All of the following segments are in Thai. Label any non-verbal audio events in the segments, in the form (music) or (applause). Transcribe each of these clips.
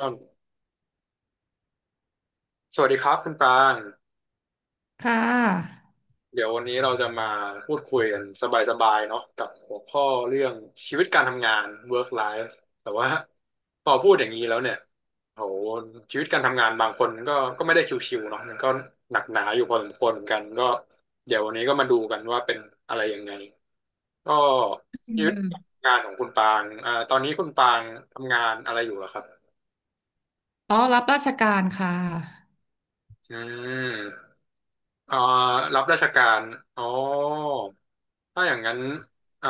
ครับสวัสดีครับคุณปรางค่ะเดี๋ยววันนี้เราจะมาพูดคุยกันสบายๆเนาะกับหัวข้อเรื่องชีวิตการทำงาน work life แต่ว่าพอพูดอย่างนี้แล้วเนี่ยโหชีวิตการทำงานบางคนก็ไม่ได้ชิวๆเนาะมันก็หนักหนาอยู่พอสมควรเหมือนกันก็เดี๋ยววันนี้ก็มาดูกันว่าเป็นอะไรยังไงก็ชีวิตการทำงานของคุณปรางตอนนี้คุณปรางทำงานอะไรอยู่เหรอครับอ๋อรับราชการค่ะอืมอ่ารับราชการอ๋อ ถ้าอย่างนั้นอ่า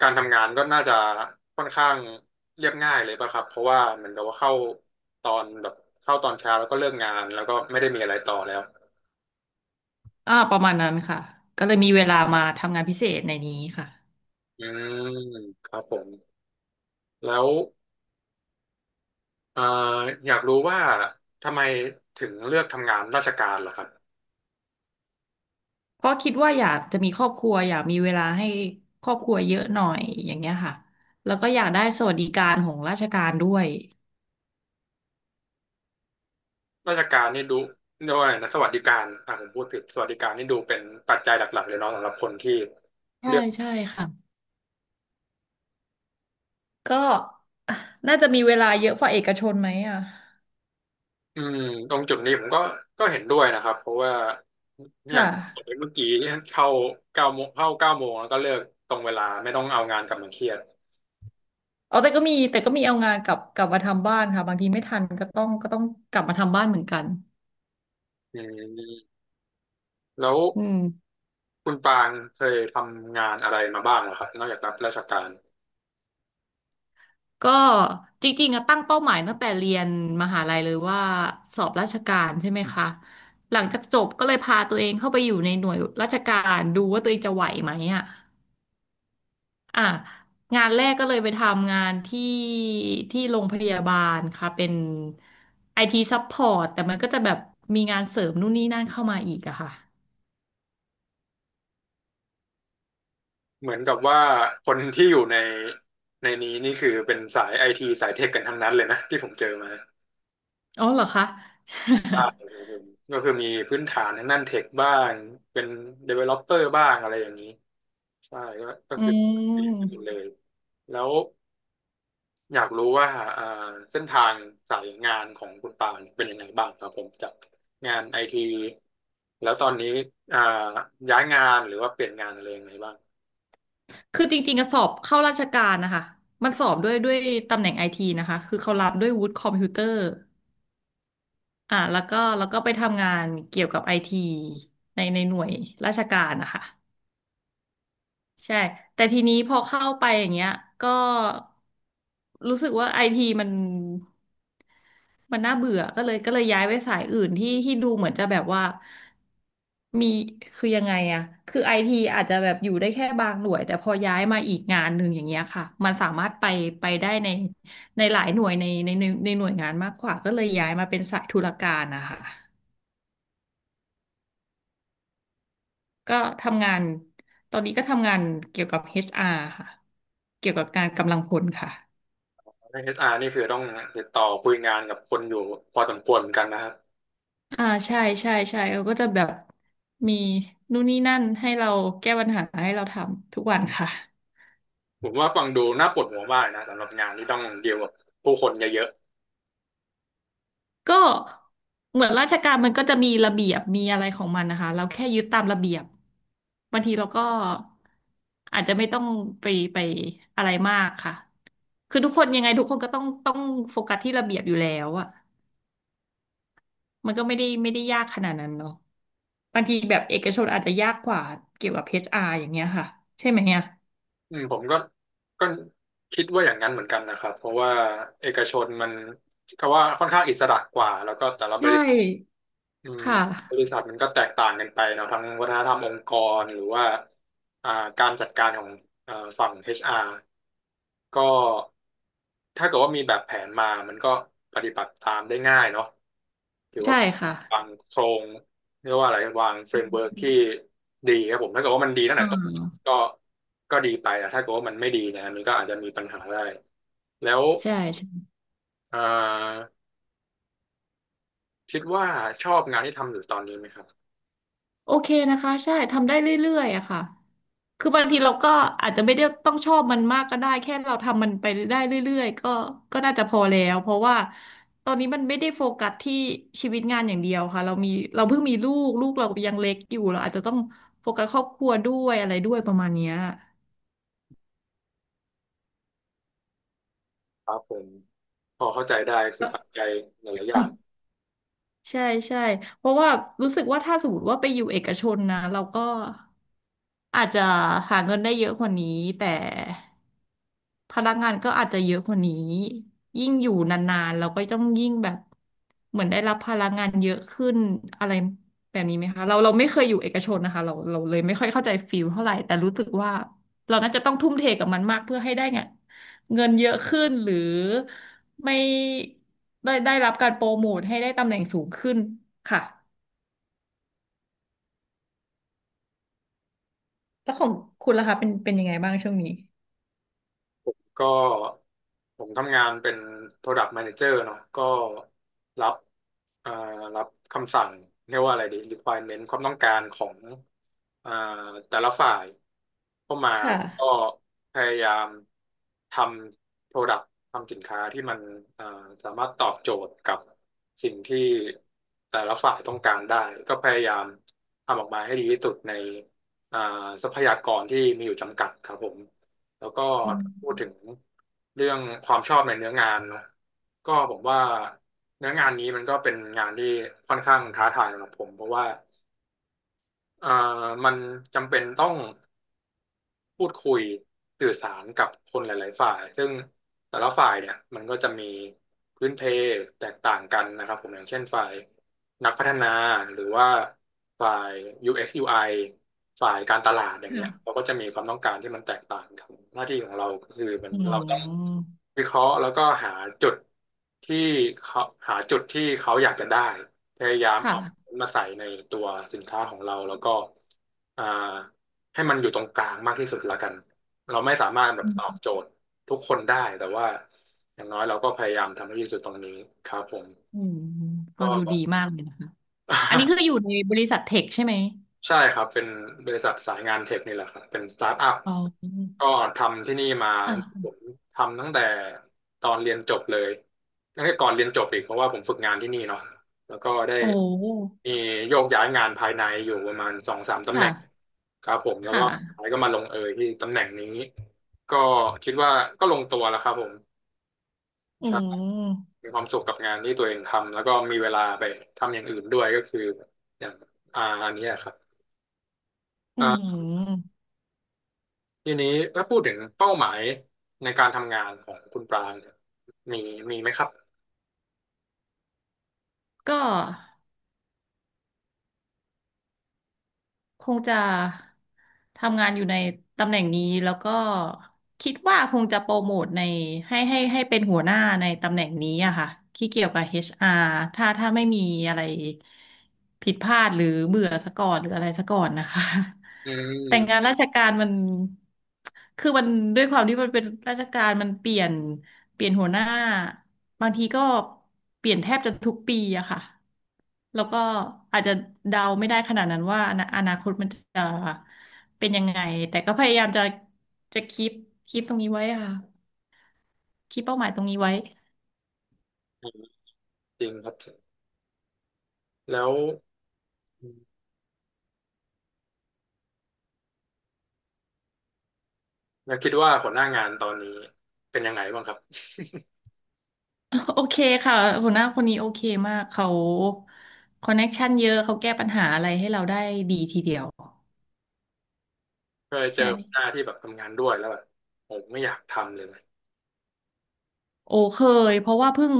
การทำงานก็น่าจะค่อนข้างเรียบง่ายเลยป่ะครับเพราะว่าเหมือนกับว่าเข้าตอนแบบเข้าตอนเช้าแล้วก็เลิกงานแล้วก็ไม่ได้มีอะไรต่อแล้วประมาณนั้นค่ะ ก็เลยมีเวลามาทำงานพิเศษในนี้ค่ะ อืมครับผมแล้วเอ่ออยากรู้ว่าทำไมถึงเลือกทำงานราชการล่ะครับเพราะคิดว่าอยากจะมีครอบครัวอยากมีเวลาให้ครอบครัวเยอะหน่อยอย่างเงี้ยค่ะ แล้วก็อยากได้สวัสดิการของราชการด้วย ราชการนี่ดูเรียกว่าอะไรนะสวัสดิการอ่ะผมพูดผิดสวัสดิการนี่ดูเป็นปัจจัยหลักๆเลยเนาะสำหรับคนที่ใช่เลือก ใช่ค่ะก็อ่ะน่าจะมีเวลาเยอะกว่าเอกชนไหมอ่ะอืมตรงจุดนี้ผมก็เห็นด้วยนะครับเพราะว่าอย่างค่ะเมื่อกี้เข้าเก้าโมงเข้าเก้าโมงแล้วก็เลิกตรงเวลาไม่ต้องเอางานกลับมาเครียดเอาแต่ก็มีเอางานกลับมาทำบ้านค่ะบางทีไม่ทันก็ต้องกลับมาทำบ้านเหมือนกันอืมแล้วอืม คุณปางเคยทำงานอะไรมาบ้างเหรอครับนอกจากรับราชการก็จริงๆอะตั้งเป้าหมายตั้งแต่เรียนมหาลัยเลยว่าสอบราชการใช่ไหมคะหลังจากจบก็เลยพาตัวเองเข้าไปอยู่ในหน่วยราชการดูว่าตัวเองจะไหวไหมอ่ะอ่ะงานแรกก็เลยไปทำงานที่โรงพยาบาลค่ะเป็นไอทีซัพพอร์ตแต่มันก็จะแบบมีงานเสริมนู่นนี่นั่นเข้ามาอีกอะค่ะเหมือนกับว่าคนที่อยู่ในนี้นี่คือเป็นสายไอทีสายเทคกันทั้งนั้นเลยนะที่ผมเจอมาอ๋อเหรอคะ ใช่ครับผมก็คือมีพื้นฐานทางด้านเทคบ้างเป็น developer บ้างอะไรอย่างนี้ ใช่ก็ (laughs) อืคือเอม งกันหมดเลยแล้วอยากรู้ว่าอ่าเส้นทางสายงานของคุณปานเป็นยังไงบ้างครับผมจากงานไอทีแล้วตอนนี้อ่าย้ายงานหรือว่าเปลี่ยนงานอะไรยังไงบ้างคือจริงๆอะสอบเข้าราชการนะคะ มันสอบด้วยตำแหน่งไอทีนะคะ คือเขารับด้วยวุฒิคอมพิวเตอร์อ่าแล้วก็ไปทำงานเกี่ยวกับไอทีในหน่วยราชการนะคะ ใช่ แต่ทีนี้พอเข้าไปอย่างเงี้ยก็รู้สึกว่าไอทีมัน มันน่าเบื่อก็เลยย้ายไปสายอื่นที่ดูเหมือนจะแบบว่ามีคือยังไงอะ คือไอทีอาจจะแบบอยู่ได้แค่บางหน่วยแต่พอย้ายมาอีกงานหนึ่งอย่างเงี้ยค่ะ มันสามารถไปได้ในในหลายหน่วยในหน่วยงานมากกว่าก็เลยย้ายมาเป็นสายธุรการนะคะก็ทำงานตอนนี้ก็ทำงานเกี่ยวกับ HR ค่ะเกี่ยวกับการกำลังพลค่ะ ในเอชอาร นี่คือต้องติดต่อคุยงานกับคนอยู่พอสมควรเหมือนกันนะครับอ่าใช่ใช่ใช่เขาก็จะแบบมีนู่นนี่นั่นให้เราแก้ปัญหาให้เราทำทุกวันค่ะ (laughs) ผมว่าฟังดูน่าปวดหัวมากนะสำหรับงานที่ต้องเดีลกับผู้คนเยอะ ก็เหมือนราชการมันก็จะมีระเบียบมีอะไรของมันนะคะเราแค่ยึดตามระเบียบบางทีเราก็อาจจะไม่ต้องไปไปอะไรมากค่ะคือทุกคนยังไงทุกคนก็ต้องโฟกัสที่ระเบียบอยู่แล้วอะมันก็ไม่ได้ยากขนาดนั้นเนาะบางทีแบบเอกชนอาจจะยากกว่าเกี่ยวกับ HR อชอาร์อย่างเงี้ยค่ะใช่ไหมเนี่ยอืมผมก็คิดว่าอย่างนั้นเหมือนกันนะครับเพราะว่าเอกชนมันก็ว่าค่อนข้างอิสระกว่าแล้วก็แต่ละบใชริษัท่อืมค่ะ บริษัทมันก็แตกต่างกันไปเนาะทั้งวัฒนธรรมองค์กรหรือว่าอ่าการจัดการของอ่าฝั่ง HR ก็ถ้าเกิดว่ามีแบบแผนมา มันก็ปฏิบัติตามได้ง่ายเนาะถือว่าใช่ค่ะวางโครงเรียกว่าอะไรวางเฟรมเวิร์กที่ดีครับผมถ้าเกิดว่ามันดีตั้งอ่แต่ต้นาก็ก็ดีไปแต่ถ้าเกิดว่ามันไม่ดีเนี่ยมันก็อาจจะมีปัญหาได้แล้วใช่ใช่เอ่อคิดว่าชอบงานที่ทำอยู่ตอนนี้ไหมครับโอเคนะคะใช่ทำได้เรื่อยๆอะค่ะคือบางทีเราก็อาจจะไม่ได้ต้องชอบมันมากก็ได้แค่เราทำมันไปได้เรื่อยๆก็น่าจะพอแล้วเพราะว่าตอนนี้มันไม่ได้โฟกัสที่ชีวิตงานอย่างเดียวค่ะเรามีเราเพิ่งมีลูกเรายังเล็กอยู่เราอาจจะต้องโฟกัสครอบครัวด้วยอะไรด้วยประมาณเนี้ย ครับผมพอเข้าใจได้คือปัจจัยหลายๆอย่าง ใช่ใช่เพราะว่ารู้สึกว่าถ้าสมมติว่าไปอยู่เอกชนนะเราก็อาจจะหาเงินได้เยอะกว่านี้แต่ พนักงานก็อาจจะเยอะกว่านี้ยิ่งอยู่นานๆเราก็ต้องยิ่งแบบเหมือนได้รับพลังงานเยอะขึ้นอะไรแบบนี้ไหมคะเราไม่เคยอยู่เอกชนนะคะเราเลยไม่ค่อยเข้าใจฟิลเท่าไหร่แต่รู้สึกว่าเราน่าจะต้องทุ่มเทกับมันมากเพื่อให้ได้เงินเยอะขึ้นหรือไม่ได้ได้รับการโปรโมทให้ได้ตำแหน่งสูงขึ้นค่ะแล้วของคุณล่ะคะเป็นเป็นยังไงบ้างช่วงนี้ก็ผมทำงานเป็น Product Manager เนาะก็รับอ่ารับคำสั่งเรียกว่าอะไรดี requirement ความต้องการของอ่าแต่ละฝ่ายเข้ามาค่ะแล้วก็พยายามทำ Product ทำสินค้าที่มันอ่าสามารถตอบโจทย์กับสิ่งที่แต่ละฝ่ายต้องการได้ก็พยายามทำออกมาให้ดีที่สุดในอ่าทรัพยากรที่มีอยู่จำกัดครับผม แล้วก็อืพูดถึงมเรื่องความชอบในเนื้องานเนอะก็ผมว่าเนื้องานนี้มันก็เป็นงานที่ค่อนข้างท้าทายสำหรับผมเพราะว่าเอ่อมันจำเป็นต้อง พูดคุยสื่อสารกับคนหลายๆฝ่ายซึ่งแต่ละฝ่ายเนี่ยมันก็จะมีพื้นเพแตกต่างกันนะครับผมอย่างเช่นฝ่ายนักพัฒนาหรือว่าฝ่าย UX UI ฝ่ายการตลาดอย่างเงี้ยเราค่ะก็จะมีความต้องการที่มันแตกต่างกันหน้าที่ของเราก็คือมันอืเราต้องมวิเคราะห์แล้วก็จุดที่เขาหาจุดที่เขาอยากจะได้พยายามคเอา่ะ มาใส่ในตัวสินค้าของเราแล้วก็อ่า ให้มันอยู่ตรงกลางมากที่สุดละกัน เราไม่สามารถแบบตอบโจทย์ทุกคนได้แต่ว่าอย่างน้อยเราก็พยายามทำให้ดีที่สุดตรงนี้ครับผมอืมฟังดูก็ ดี (laughs) มากเลยนะคะ อันนี้คืออยู่ในบริษัทเทคใช่ไหมใช่ครับเป็นบริษัทสายงานเทคนี่แหละครับเป็นสตาร์ทอัพอ๋อก็ทำที่นี่มาอ่ะผมทำตั้งแต่ตอนเรียนจบเลยตั้งแต่ก่อนเรียนจบอีกเพราะว่าผมฝึกงานที่นี่เนาะแล้วก็ได้โอ้มีโยกย้ายงานภายในอยู่ประมาณสองสามตำแหน่งค่ะ ครับผมแล้วก็ค่ะสุดท้ายก็มาลงเอยที่ตำแหน่งนี้ก็คิดว่าก็ลงตัวแล้วครับผมอืใช่มมีความสุขกับงานที่ตัวเองทำแล้วก็มีเวลาไปทำอย่างอื่นด้วยก็คืออย่างอันเนี้ยครับ อืมทีนี้ถ้าพูดถึงเป้าหมายในการทำงานของคุณปรางเนี่ยมีมีไหมครับก็ คงจะทำงานอยู่ในตำแหน่งนี้แล้วก็คิดว่าคงจะโปรโมทในให้เป็นหัวหน้าในตำแหน่งนี้อะค่ะที่เกี่ยวกับ HR ถ้าไม่มีอะไรผิดพลาดหรือเบื่อซะก่อนหรืออะไรซะก่อนนะคะ อื (laughs) แต่งานมราชการมันคือมันด้วยความที่มันเป็นราชการมันเปลี่ยนหัวหน้าบางทีก็เปลี่ยนแทบจะทุกปีอะค่ะ แล้วก็อาจจะเดาไม่ได้ขนาดนั้นว่าอนาคตมันจะเป็นยังไงแต่ก็พยายามจะคีปตรงนี้ไว้ค่ะคีปเป้าหมายตรงนี้ไว้ อืมจริงครับแล้วแล้วคิดว่าหัวหน้างานตอนนี้เป็นยังไงบ้างครับ (laughs) โอเคค่ะหัวหน้าคนนี้โอเคมากเขาคอนเน็กชันเยอะเขาแก้ปัญหาอะไรให้เราได้ดีทีเดียวเคยเจอใช่ หัวหน้าที่แบบทำงานด้วยแล้วแบบผมไม่อยากทำเลยนะโอ้เคยเพราะว่าเพิ่ง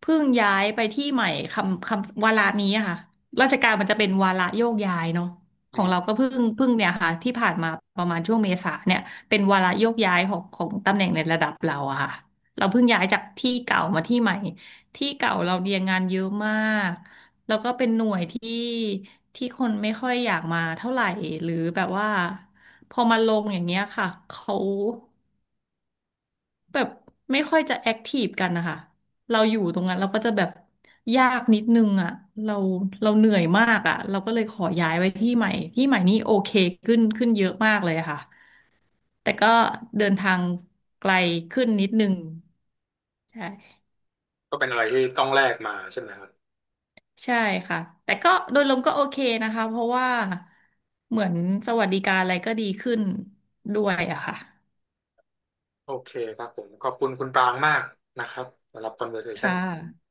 เพิ่งย้ายไปที่ใหม่วาระนี้อะค่ะราชการมันจะเป็นวาระโยกย้ายเนาะขอืองเรามก็เพิ่งเนี่ยค่ะที่ผ่านมาประมาณช่วงเมษาเนี่ยเป็นวาระโยกย้ายของตำแหน่งในระดับเราอะค่ะเราเพิ่งย้ายจากที่เก่ามาที่ใหม่ที่เก่าเราเรียนงานเยอะมากแล้วก็เป็นหน่วยที่คนไม่ค่อยอยากมาเท่าไหร่หรือแบบว่าพอมาลงอย่างเงี้ยค่ะเขา แบบไม่ค่อยจะแอคทีฟกันนะคะ เราอยู่ตรงนั้นเราก็จะแบบยากนิดนึงอ่ะเราเราเหนื่อยมากอ่ะเราก็เลยขอย้ายไว้ที่ใหม่ที่ใหม่นี่โอเคขึ้นเยอะมากเลยค่ะแต่ก็เดินทางไกลขึ้นนิดนึงใช่ก็เป็นอะไรที่ต้องแลกมาใช่ไหมครับใช่ค่ะแต่ก็โดยรวมก็โอเคนะคะเพราะว่าเหมือนสวัสดิการอะไรก็ดีขึ้นด้วยอะค่ะโอเคครับผมขอบคุณคุณปรางมากนะครับสำหรับ ค่ conversation ะ